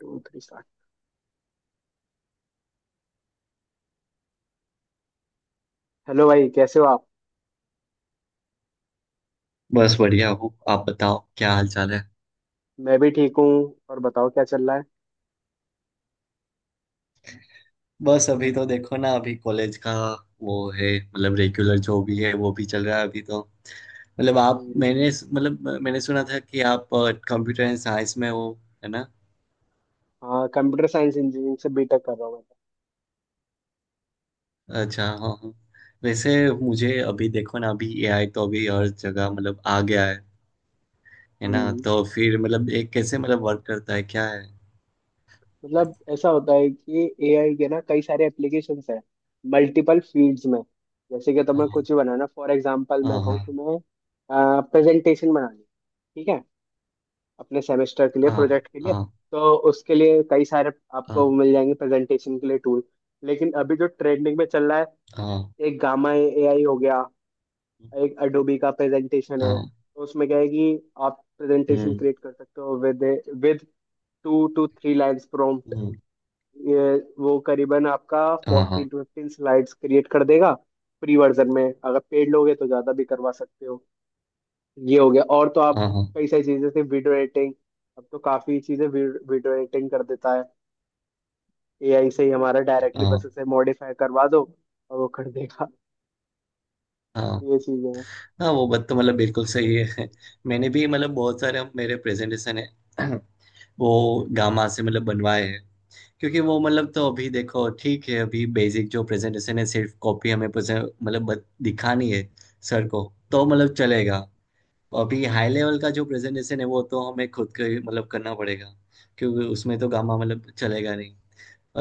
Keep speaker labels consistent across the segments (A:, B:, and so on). A: To three start. Hello भाई, कैसे हो आप?
B: बस बढ़िया हूँ। आप बताओ क्या हाल चाल है।
A: मैं भी ठीक हूँ। और बताओ, क्या चल रहा है?
B: बस अभी तो देखो ना, अभी कॉलेज का वो है, मतलब रेगुलर जो भी है वो भी चल रहा है अभी तो। मतलब आप,
A: हम्म।
B: मैंने सुना था कि आप कंप्यूटर एंड साइंस में हो, है ना?
A: हाँ, कंप्यूटर साइंस इंजीनियरिंग से बीटेक कर रहा हूँ मैं।
B: अच्छा हाँ हाँ। वैसे मुझे अभी देखो ना, अभी एआई तो अभी हर जगह मतलब आ गया है ना?
A: हम्म,
B: तो फिर मतलब एक कैसे मतलब वर्क करता है, क्या है?
A: मतलब ऐसा होता है कि एआई के ना कई सारे एप्लीकेशंस हैं मल्टीपल फील्ड्स में। जैसे कि तुम्हें
B: हाँ।
A: कुछ ही बनाना, फॉर एग्जांपल मैं कहूँ,
B: हाँ।
A: तुम्हें प्रेजेंटेशन बनानी है, ठीक है, अपने सेमेस्टर के लिए,
B: हाँ।
A: प्रोजेक्ट के लिए।
B: हाँ।
A: तो उसके लिए कई सारे
B: हाँ,
A: आपको मिल जाएंगे प्रेजेंटेशन के लिए टूल। लेकिन अभी जो ट्रेंडिंग में चल रहा है,
B: हाँ,
A: एक गामा एआई हो गया, एक अडोबी का प्रेजेंटेशन
B: हाँ,
A: है।
B: हाँ,
A: तो उसमें क्या है कि आप प्रेजेंटेशन
B: हम्म।
A: क्रिएट कर सकते हो with with two two three lines prompt.
B: Hmm.
A: ये वो करीबन आपका
B: हाँ। हाँ।
A: 14 से 15 स्लाइड्स क्रिएट कर देगा फ्री वर्जन में। अगर पेड लोगे तो ज़्यादा भी करवा सकते हो। ये हो गया। और तो आप
B: हाँ। हाँ।
A: कई सारी चीज़ें जैसे वीडियो एडिटिंग, अब तो काफ़ी चीज़ें वीडियो एडिटिंग कर देता है एआई से ही हमारा, डायरेक्टली
B: हाँ।
A: बस उसे मॉडिफाई करवा दो और वो कर देगा।
B: हाँ
A: ये चीज़ें हैं।
B: हाँ। वो बात तो मतलब बिल्कुल सही है। मैंने भी मतलब बहुत सारे, अब मेरे प्रेजेंटेशन है वो गामा से मतलब बनवाए हैं। क्योंकि वो मतलब तो अभी देखो, ठीक है, अभी बेसिक जो प्रेजेंटेशन है सिर्फ कॉपी हमें मतलब दिखानी है सर को। तो मतलब चलेगा। अभी हाई लेवल का जो प्रेजेंटेशन है वो तो हमें खुद को ही मतलब करना पड़ेगा। क्योंकि उसमें तो गामा मतलब चलेगा नहीं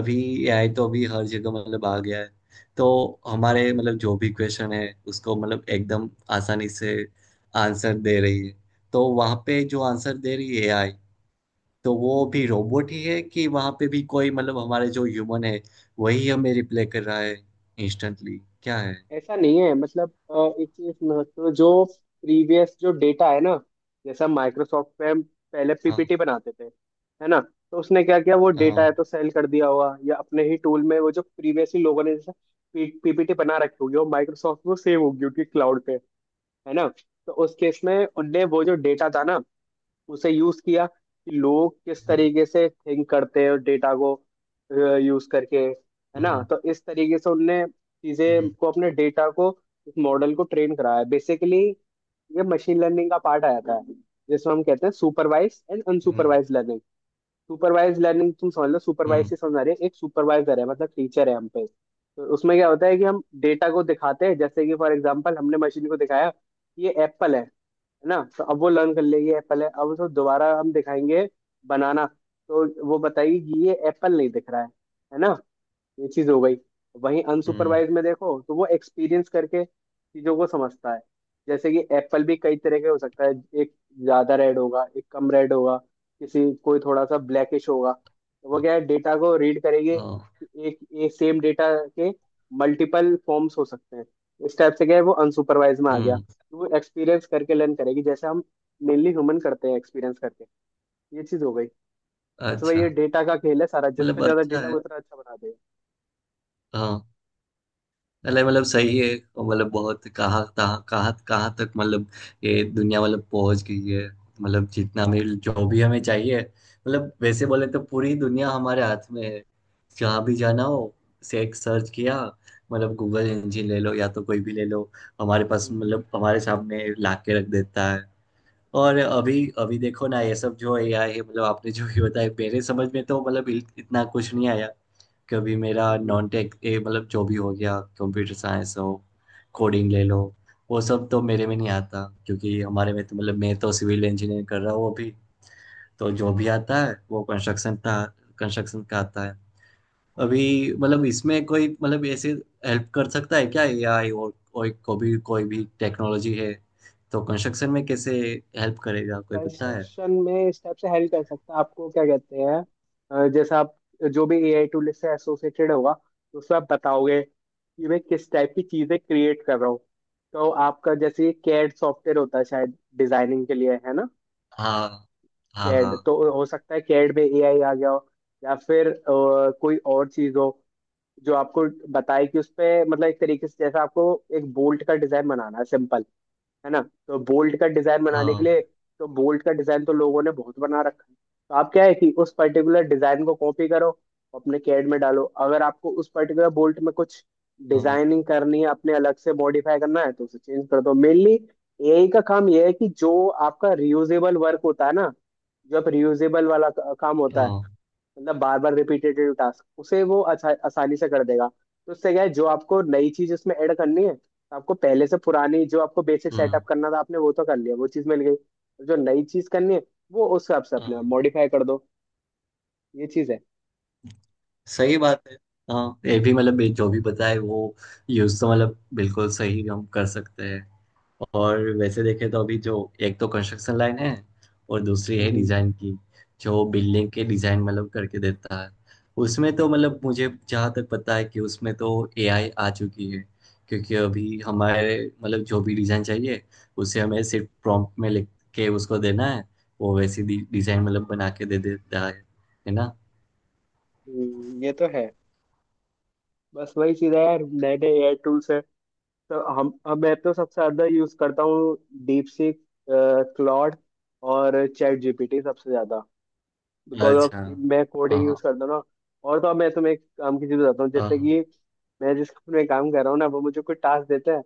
B: अभी। एआई तो अभी हर जगह मतलब आ गया है। तो हमारे मतलब जो भी क्वेश्चन है, उसको मतलब एकदम आसानी से आंसर दे रही है। तो वहाँ पे जो आंसर दे रही है एआई, तो वो भी
A: हम्म।
B: रोबोट ही है कि वहाँ पे भी कोई मतलब हमारे जो ह्यूमन है वही हमें रिप्लाई कर रहा है इंस्टेंटली, क्या है।
A: ऐसा नहीं है, मतलब एक चीज महत्व जो प्रीवियस जो डेटा है ना, जैसा माइक्रोसॉफ्ट पे हम पहले
B: हाँ
A: पीपीटी बनाते थे, है ना? तो उसने क्या किया, वो डेटा है
B: हाँ।
A: तो सेल कर दिया हुआ या अपने ही टूल में। वो जो प्रीवियसली लोगों ने जैसा पीपीटी बना रखी होगी वो माइक्रोसॉफ्ट में सेव होगी उनकी क्लाउड पे, है ना? तो उस केस में उनने वो जो डेटा था ना उसे यूज किया कि लोग किस
B: हम्म।
A: तरीके से थिंक करते हैं डेटा को यूज करके, है ना?
B: हम्म।
A: तो इस तरीके से उनने चीजें
B: हम्म।
A: को अपने डेटा को, इस मॉडल को ट्रेन कराया बेसिकली। ये मशीन लर्निंग का पार्ट आ जाता है जिसमें हम कहते हैं supervise and
B: hmm.
A: Unsupervise learning. Supervise learning तुम समझ लो, सुपरवाइज
B: हम्म।
A: से समझ रहे एक सुपरवाइजर है, मतलब टीचर है हम पे। तो उसमें क्या होता है कि हम डेटा को दिखाते हैं, जैसे कि फॉर एग्जाम्पल हमने मशीन को दिखाया कि ये एप्पल है ना? तो अब वो लर्न कर लेगी एप्पल है। अब उसको दोबारा हम दिखाएंगे बनाना, तो वो बताएगी कि ये एप्पल नहीं दिख रहा है ना? ये चीज हो गई। वहीं
B: हम्म,
A: अनसुपरवाइज में देखो तो वो एक्सपीरियंस करके चीजों को समझता है। जैसे कि एप्पल भी कई तरह के हो सकता है। एक ज्यादा रेड होगा, एक कम रेड होगा, किसी कोई थोड़ा सा ब्लैकिश होगा। तो वो
B: हाँ,
A: क्या है, डेटा को रीड करेगी
B: हाँ,
A: कि एक एक सेम डेटा के मल्टीपल फॉर्म्स हो सकते हैं। इस टाइप से क्या है, वो अनसुपरवाइज में आ गया
B: हम्म,
A: तो वो एक्सपीरियंस करके लर्न करेगी जैसे हम मेनली ह्यूमन करते हैं एक्सपीरियंस करके। ये चीज हो गई। बस वही,
B: अच्छा
A: ये डेटा का खेल है सारा, जिस पे
B: मतलब
A: ज्यादा
B: अच्छा
A: डेटा
B: है।
A: उतना अच्छा बना
B: हाँ। अरे मतलब सही है। और मतलब बहुत, कहाँ तहाँ, कहाँ कहाँ तक मतलब ये दुनिया मतलब पहुंच गई है। मतलब जितना भी जो भी हमें चाहिए, मतलब वैसे बोले तो पूरी दुनिया हमारे हाथ में है। जहाँ भी जाना हो, से एक सर्च किया, मतलब गूगल इंजन ले लो या तो कोई भी ले लो, हमारे पास
A: देगा।
B: मतलब हमारे सामने ला के रख देता है। और अभी अभी देखो ना, ये सब जो एआई है मतलब आपने जो भी बताया मेरे समझ में तो मतलब इतना कुछ नहीं आया कभी। मेरा नॉन टेक ए मतलब जो भी हो गया, कंप्यूटर साइंस हो, कोडिंग ले लो, वो सब तो मेरे में नहीं आता। क्योंकि हमारे में तो मतलब मैं तो सिविल इंजीनियरिंग कर रहा हूँ अभी। तो जो भी आता है वो कंस्ट्रक्शन का आता है। अभी मतलब इसमें कोई मतलब ऐसे हेल्प कर सकता है क्या एआई? और कोई को भी, कोई भी टेक्नोलॉजी है तो कंस्ट्रक्शन में कैसे हेल्प करेगा, कोई पता है?
A: कंस्ट्रक्शन में स्टेप से हेल्प कर सकता है आपको, क्या कहते हैं, जैसे आप जो भी एआई टूल से एसोसिएटेड होगा तो उसमें आप बताओगे कि मैं किस टाइप की चीजें क्रिएट कर रहा हूँ। तो आपका जैसे कैड सॉफ्टवेयर होता है शायद डिजाइनिंग के लिए, है ना?
B: हाँ। हाँ। हाँ।
A: कैड तो हो सकता है कैड में एआई आ गया हो, या फिर कोई और चीज हो जो आपको बताए कि उस पे मतलब एक तरीके से। जैसे आपको एक बोल्ट का डिजाइन बनाना है सिंपल, है ना? तो बोल्ट का डिजाइन बनाने के
B: हाँ।
A: लिए, तो बोल्ट का डिजाइन तो लोगों ने बहुत बना रखा है। तो आप क्या है कि उस पर्टिकुलर डिजाइन को कॉपी करो, अपने कैड में डालो, अगर आपको उस पर्टिकुलर बोल्ट में कुछ
B: हाँ।
A: डिजाइनिंग करनी है अपने अलग से मॉडिफाई करना है तो उसे चेंज कर दो मेनली। एआई का काम यह है कि जो आपका रियूजेबल वर्क होता है ना, जो आप रियूजेबल वाला काम होता है,
B: हाँ।
A: मतलब बार बार रिपीटेटिव टास्क उसे वो अच्छा आसानी से कर देगा। तो उससे क्या है, जो आपको नई चीज उसमें ऐड करनी है, तो आपको पहले से पुरानी जो आपको बेसिक
B: हाँ,
A: सेटअप करना था आपने वो तो कर लिया, वो चीज मिल गई, और जो नई चीज करनी है वो उस हिसाब से
B: हाँ,
A: अपने मॉडिफाई कर दो। ये चीज है।
B: सही बात है। हाँ ये भी मतलब जो भी बताए वो यूज तो मतलब बिल्कुल सही हम कर सकते हैं। और वैसे देखें तो अभी जो, एक तो कंस्ट्रक्शन लाइन है, और दूसरी है
A: हम्म।
B: डिजाइन की, जो बिल्डिंग के डिजाइन मतलब करके देता है। उसमें तो मतलब
A: हम्म।
B: मुझे जहाँ तक पता है कि उसमें तो एआई आ चुकी है। क्योंकि अभी हमारे मतलब जो भी डिजाइन चाहिए, उसे हमें सिर्फ प्रॉम्प्ट में लिख के उसको देना है। वो वैसी डिजाइन मतलब बना के दे देता है ना?
A: हम्म। ये तो है। बस वही चीज है यार, नए नए एआई टूल्स है। तो हम अब, मैं तो सबसे ज्यादा यूज करता हूँ डीप सीक, क्लॉड और चैट जीपीटी सबसे ज्यादा, बिकॉज ऑफ
B: अच्छा
A: मैं कोडिंग
B: हाँ
A: यूज करता हूँ ना। और तो अब मैं तुम्हें एक काम की चीज बताता हूँ, जैसे
B: हाँ।
A: कि मैं जिस कंपनी में काम कर रहा हूँ ना वो मुझे कोई टास्क देता है।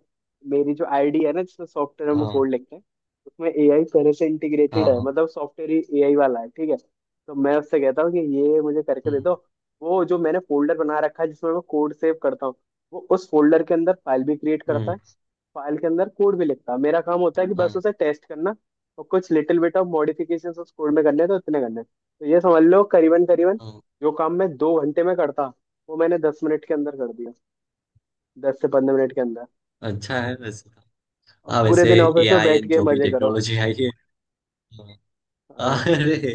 A: मेरी जो आईडी है ना जिसमें सॉफ्टवेयर हम कोड
B: हाँ
A: लिखते हैं, उसमें एआई पहले से इंटीग्रेटेड
B: हाँ।
A: है,
B: हाँ।
A: मतलब सॉफ्टवेयर ही एआई वाला है, ठीक है? तो मैं उससे कहता हूँ कि ये मुझे करके दे
B: हम्म।
A: दो। वो जो मैंने फोल्डर बना रखा है जिसमें मैं कोड सेव करता हूँ, वो उस फोल्डर के अंदर फाइल भी क्रिएट करता
B: हम्म,
A: है, फाइल के अंदर कोड भी लिखता। मेरा काम होता है कि बस
B: हाँ
A: उसे टेस्ट करना और कुछ लिटिल बिट ऑफ मॉडिफिकेशंस उस कोड में करने हैं, तो इतने करने हैं। तो ये समझ लो करीबन करीबन
B: हाँ।
A: जो काम मैं 2 घंटे में करता वो मैंने 10 मिनट के अंदर कर दिया, 10 से 15 मिनट के अंदर।
B: अच्छा है वैसे तो।
A: और
B: हाँ
A: पूरे
B: वैसे
A: दिन
B: ए
A: ऑफिस में
B: आई
A: बैठ के
B: जो भी
A: मजे करो।
B: टेक्नोलॉजी आई है। हाँ,
A: हाँ।
B: अरे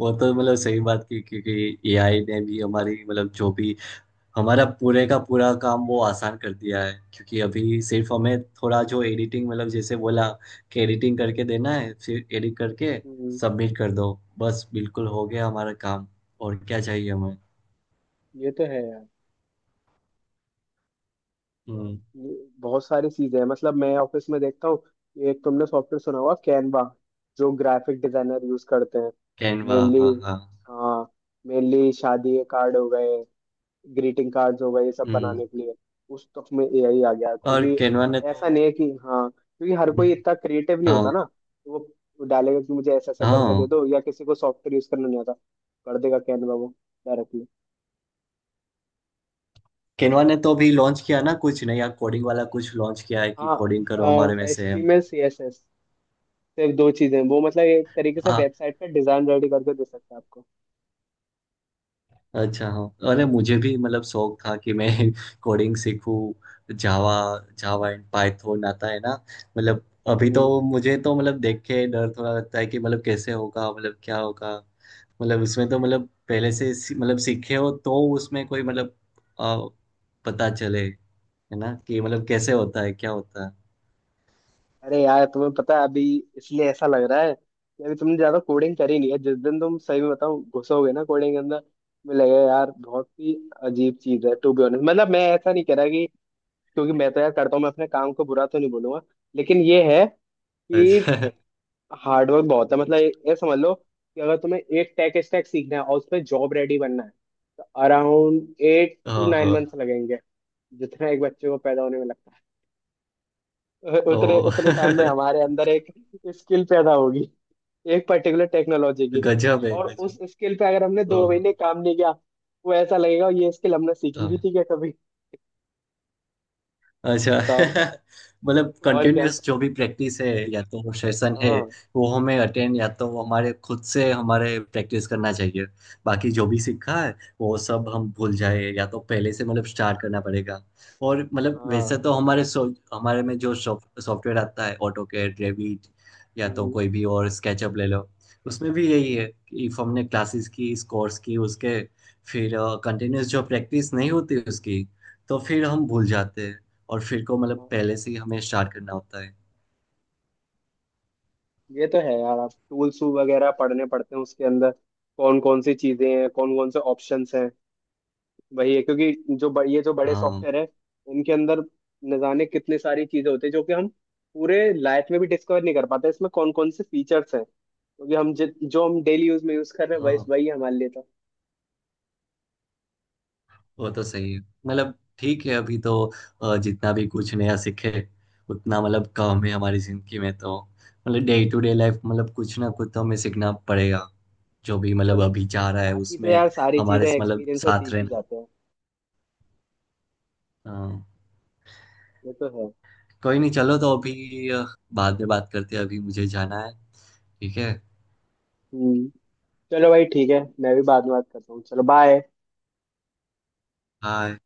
B: वो तो मतलब सही बात की, क्योंकि AI ने भी हमारी मतलब जो भी, हमारा पूरे का पूरा काम वो आसान कर दिया है। क्योंकि अभी सिर्फ हमें थोड़ा जो एडिटिंग मतलब जैसे बोला कि एडिटिंग करके देना है, फिर एडिट करके
A: हम्म।
B: सबमिट कर दो, बस बिल्कुल हो गया हमारा काम। और क्या चाहिए हमें?
A: ये तो है यार।
B: हम्म।
A: ये बहुत सारी चीजें हैं, मतलब मैं ऑफिस में देखता हूँ। एक तुमने सॉफ्टवेयर सुना होगा, कैनवा, जो ग्राफिक डिजाइनर यूज करते हैं
B: कैनवा
A: मेनली।
B: हाँ हाँ।
A: हाँ, मेनली शादी के कार्ड हो गए, ग्रीटिंग कार्ड्स हो गए, ये सब
B: हम्म।
A: बनाने के लिए। उस तक में एआई आ गया,
B: और
A: क्योंकि
B: केनवा ने तो,
A: ऐसा नहीं है कि, हाँ, क्योंकि हर कोई इतना क्रिएटिव नहीं होता
B: हाँ
A: ना, तो वो डालेगा कि मुझे ऐसा ऐसा करके दे
B: हाँ,
A: दो, या किसी को सॉफ्टवेयर यूज करना नहीं आता, कर देगा कैनवा वो डायरेक्टली।
B: केनवा ने तो अभी लॉन्च किया ना कुछ नया, कोडिंग वाला कुछ लॉन्च किया है कि कोडिंग करो हमारे
A: हाँ,
B: में
A: एच
B: से।
A: टी में सी एस एस, सिर्फ दो चीजें, वो मतलब एक तरीके से
B: हाँ।
A: वेबसाइट का डिजाइन रेडी करके दे सकता है आपको।
B: अच्छा हाँ, अरे मुझे भी मतलब शौक था कि मैं कोडिंग सीखूं, जावा। जावा एंड पाइथन आता है ना। मतलब अभी
A: हम्म।
B: तो मुझे तो मतलब देख के डर थोड़ा लगता है कि मतलब कैसे होगा, मतलब क्या होगा। मतलब उसमें तो मतलब पहले से मतलब सीखे हो तो उसमें कोई मतलब अ, पता चले, है ना, कि मतलब कैसे होता है क्या होता है।
A: अरे यार तुम्हें पता है, अभी इसलिए ऐसा लग रहा है कि अभी तुमने ज्यादा कोडिंग करी नहीं है। जिस दिन तुम सही में बताओ घुसोगे ना कोडिंग के अंदर, तुम्हें लगेगा यार बहुत ही अजीब चीज है, टू बी ऑनेस्ट। मतलब मैं ऐसा नहीं कह रहा कि, क्योंकि मैं तो यार करता हूँ, मैं अपने काम को बुरा तो नहीं बोलूंगा। लेकिन ये है कि
B: अच्छा
A: हार्डवर्क बहुत है, मतलब ये समझ लो कि अगर तुम्हें एक टेक स्टैक सीखना है और उसमें जॉब रेडी बनना है तो अराउंड एट टू
B: हाँ
A: नाइन मंथ्स
B: हाँ।
A: लगेंगे। जितना एक बच्चे को पैदा होने में लगता है उतने
B: ओ
A: उतने टाइम में हमारे अंदर एक स्किल पैदा होगी, एक पर्टिकुलर टेक्नोलॉजी की।
B: गजब है
A: और
B: गजब।
A: उस स्किल पे अगर हमने
B: ओ,
A: 2 महीने काम नहीं किया, वो ऐसा लगेगा ये स्किल हमने सीखी भी
B: हाँ
A: थी क्या कभी?
B: अच्छा।
A: बताओ।
B: मतलब
A: और क्या।
B: कंटिन्यूअस जो भी प्रैक्टिस है या तो वो सेशन है
A: हाँ।
B: वो हमें अटेंड, या तो वो हमारे खुद से हमारे प्रैक्टिस करना चाहिए। बाकी जो भी सीखा है वो सब हम भूल
A: हम्म।
B: जाए या तो पहले से मतलब स्टार्ट करना पड़ेगा। और मतलब
A: हाँ।
B: वैसे तो हमारे सो हमारे में जो सॉफ्टवेयर आता है ऑटो कैड, रेविट या तो
A: हम्म।
B: कोई भी, और स्केचअप ले लो। उसमें भी यही है कि इफ हमने क्लासेस की इस कोर्स की, उसके फिर कंटिन्यूअस जो प्रैक्टिस नहीं होती उसकी, तो फिर हम भूल जाते हैं। और फिर को मतलब
A: हाँ।
B: पहले से ही हमें स्टार्ट करना होता है।
A: ये तो है यार, आप टूल्स वगैरह पढ़ने पड़ते हैं उसके अंदर कौन कौन सी चीजें हैं, कौन कौन से ऑप्शंस हैं। वही है, क्योंकि जो ये जो बड़े
B: हाँ।
A: सॉफ्टवेयर है इनके अंदर न जाने कितनी सारी चीजें होती है जो कि हम पूरे लाइफ में भी डिस्कवर नहीं कर पाते इसमें कौन कौन से फीचर्स हैं, क्योंकि हम जो हम डेली यूज में यूज कर रहे हैं वही
B: हाँ
A: वही हमारे लिए तो।
B: वो तो सही है मतलब। ठीक है अभी तो जितना भी कुछ नया सीखे उतना मतलब कम है हमारी जिंदगी में तो। मतलब डे टू डे लाइफ मतलब कुछ ना कुछ तो हमें सीखना पड़ेगा, जो भी
A: और
B: मतलब
A: क्या,
B: अभी जा रहा है
A: बाकी तो
B: उसमें।
A: यार सारी
B: हमारे
A: चीजें
B: मतलब
A: एक्सपीरियंस से
B: साथ
A: सीख ही
B: रहना।
A: जाते हैं।
B: हाँ।
A: ये तो है।
B: कोई नहीं, चलो तो अभी बाद में बात करते हैं, अभी मुझे जाना है। ठीक है।
A: हम्म। चलो भाई ठीक है, मैं भी बाद में बात करता हूँ, चलो बाय।
B: हाँ।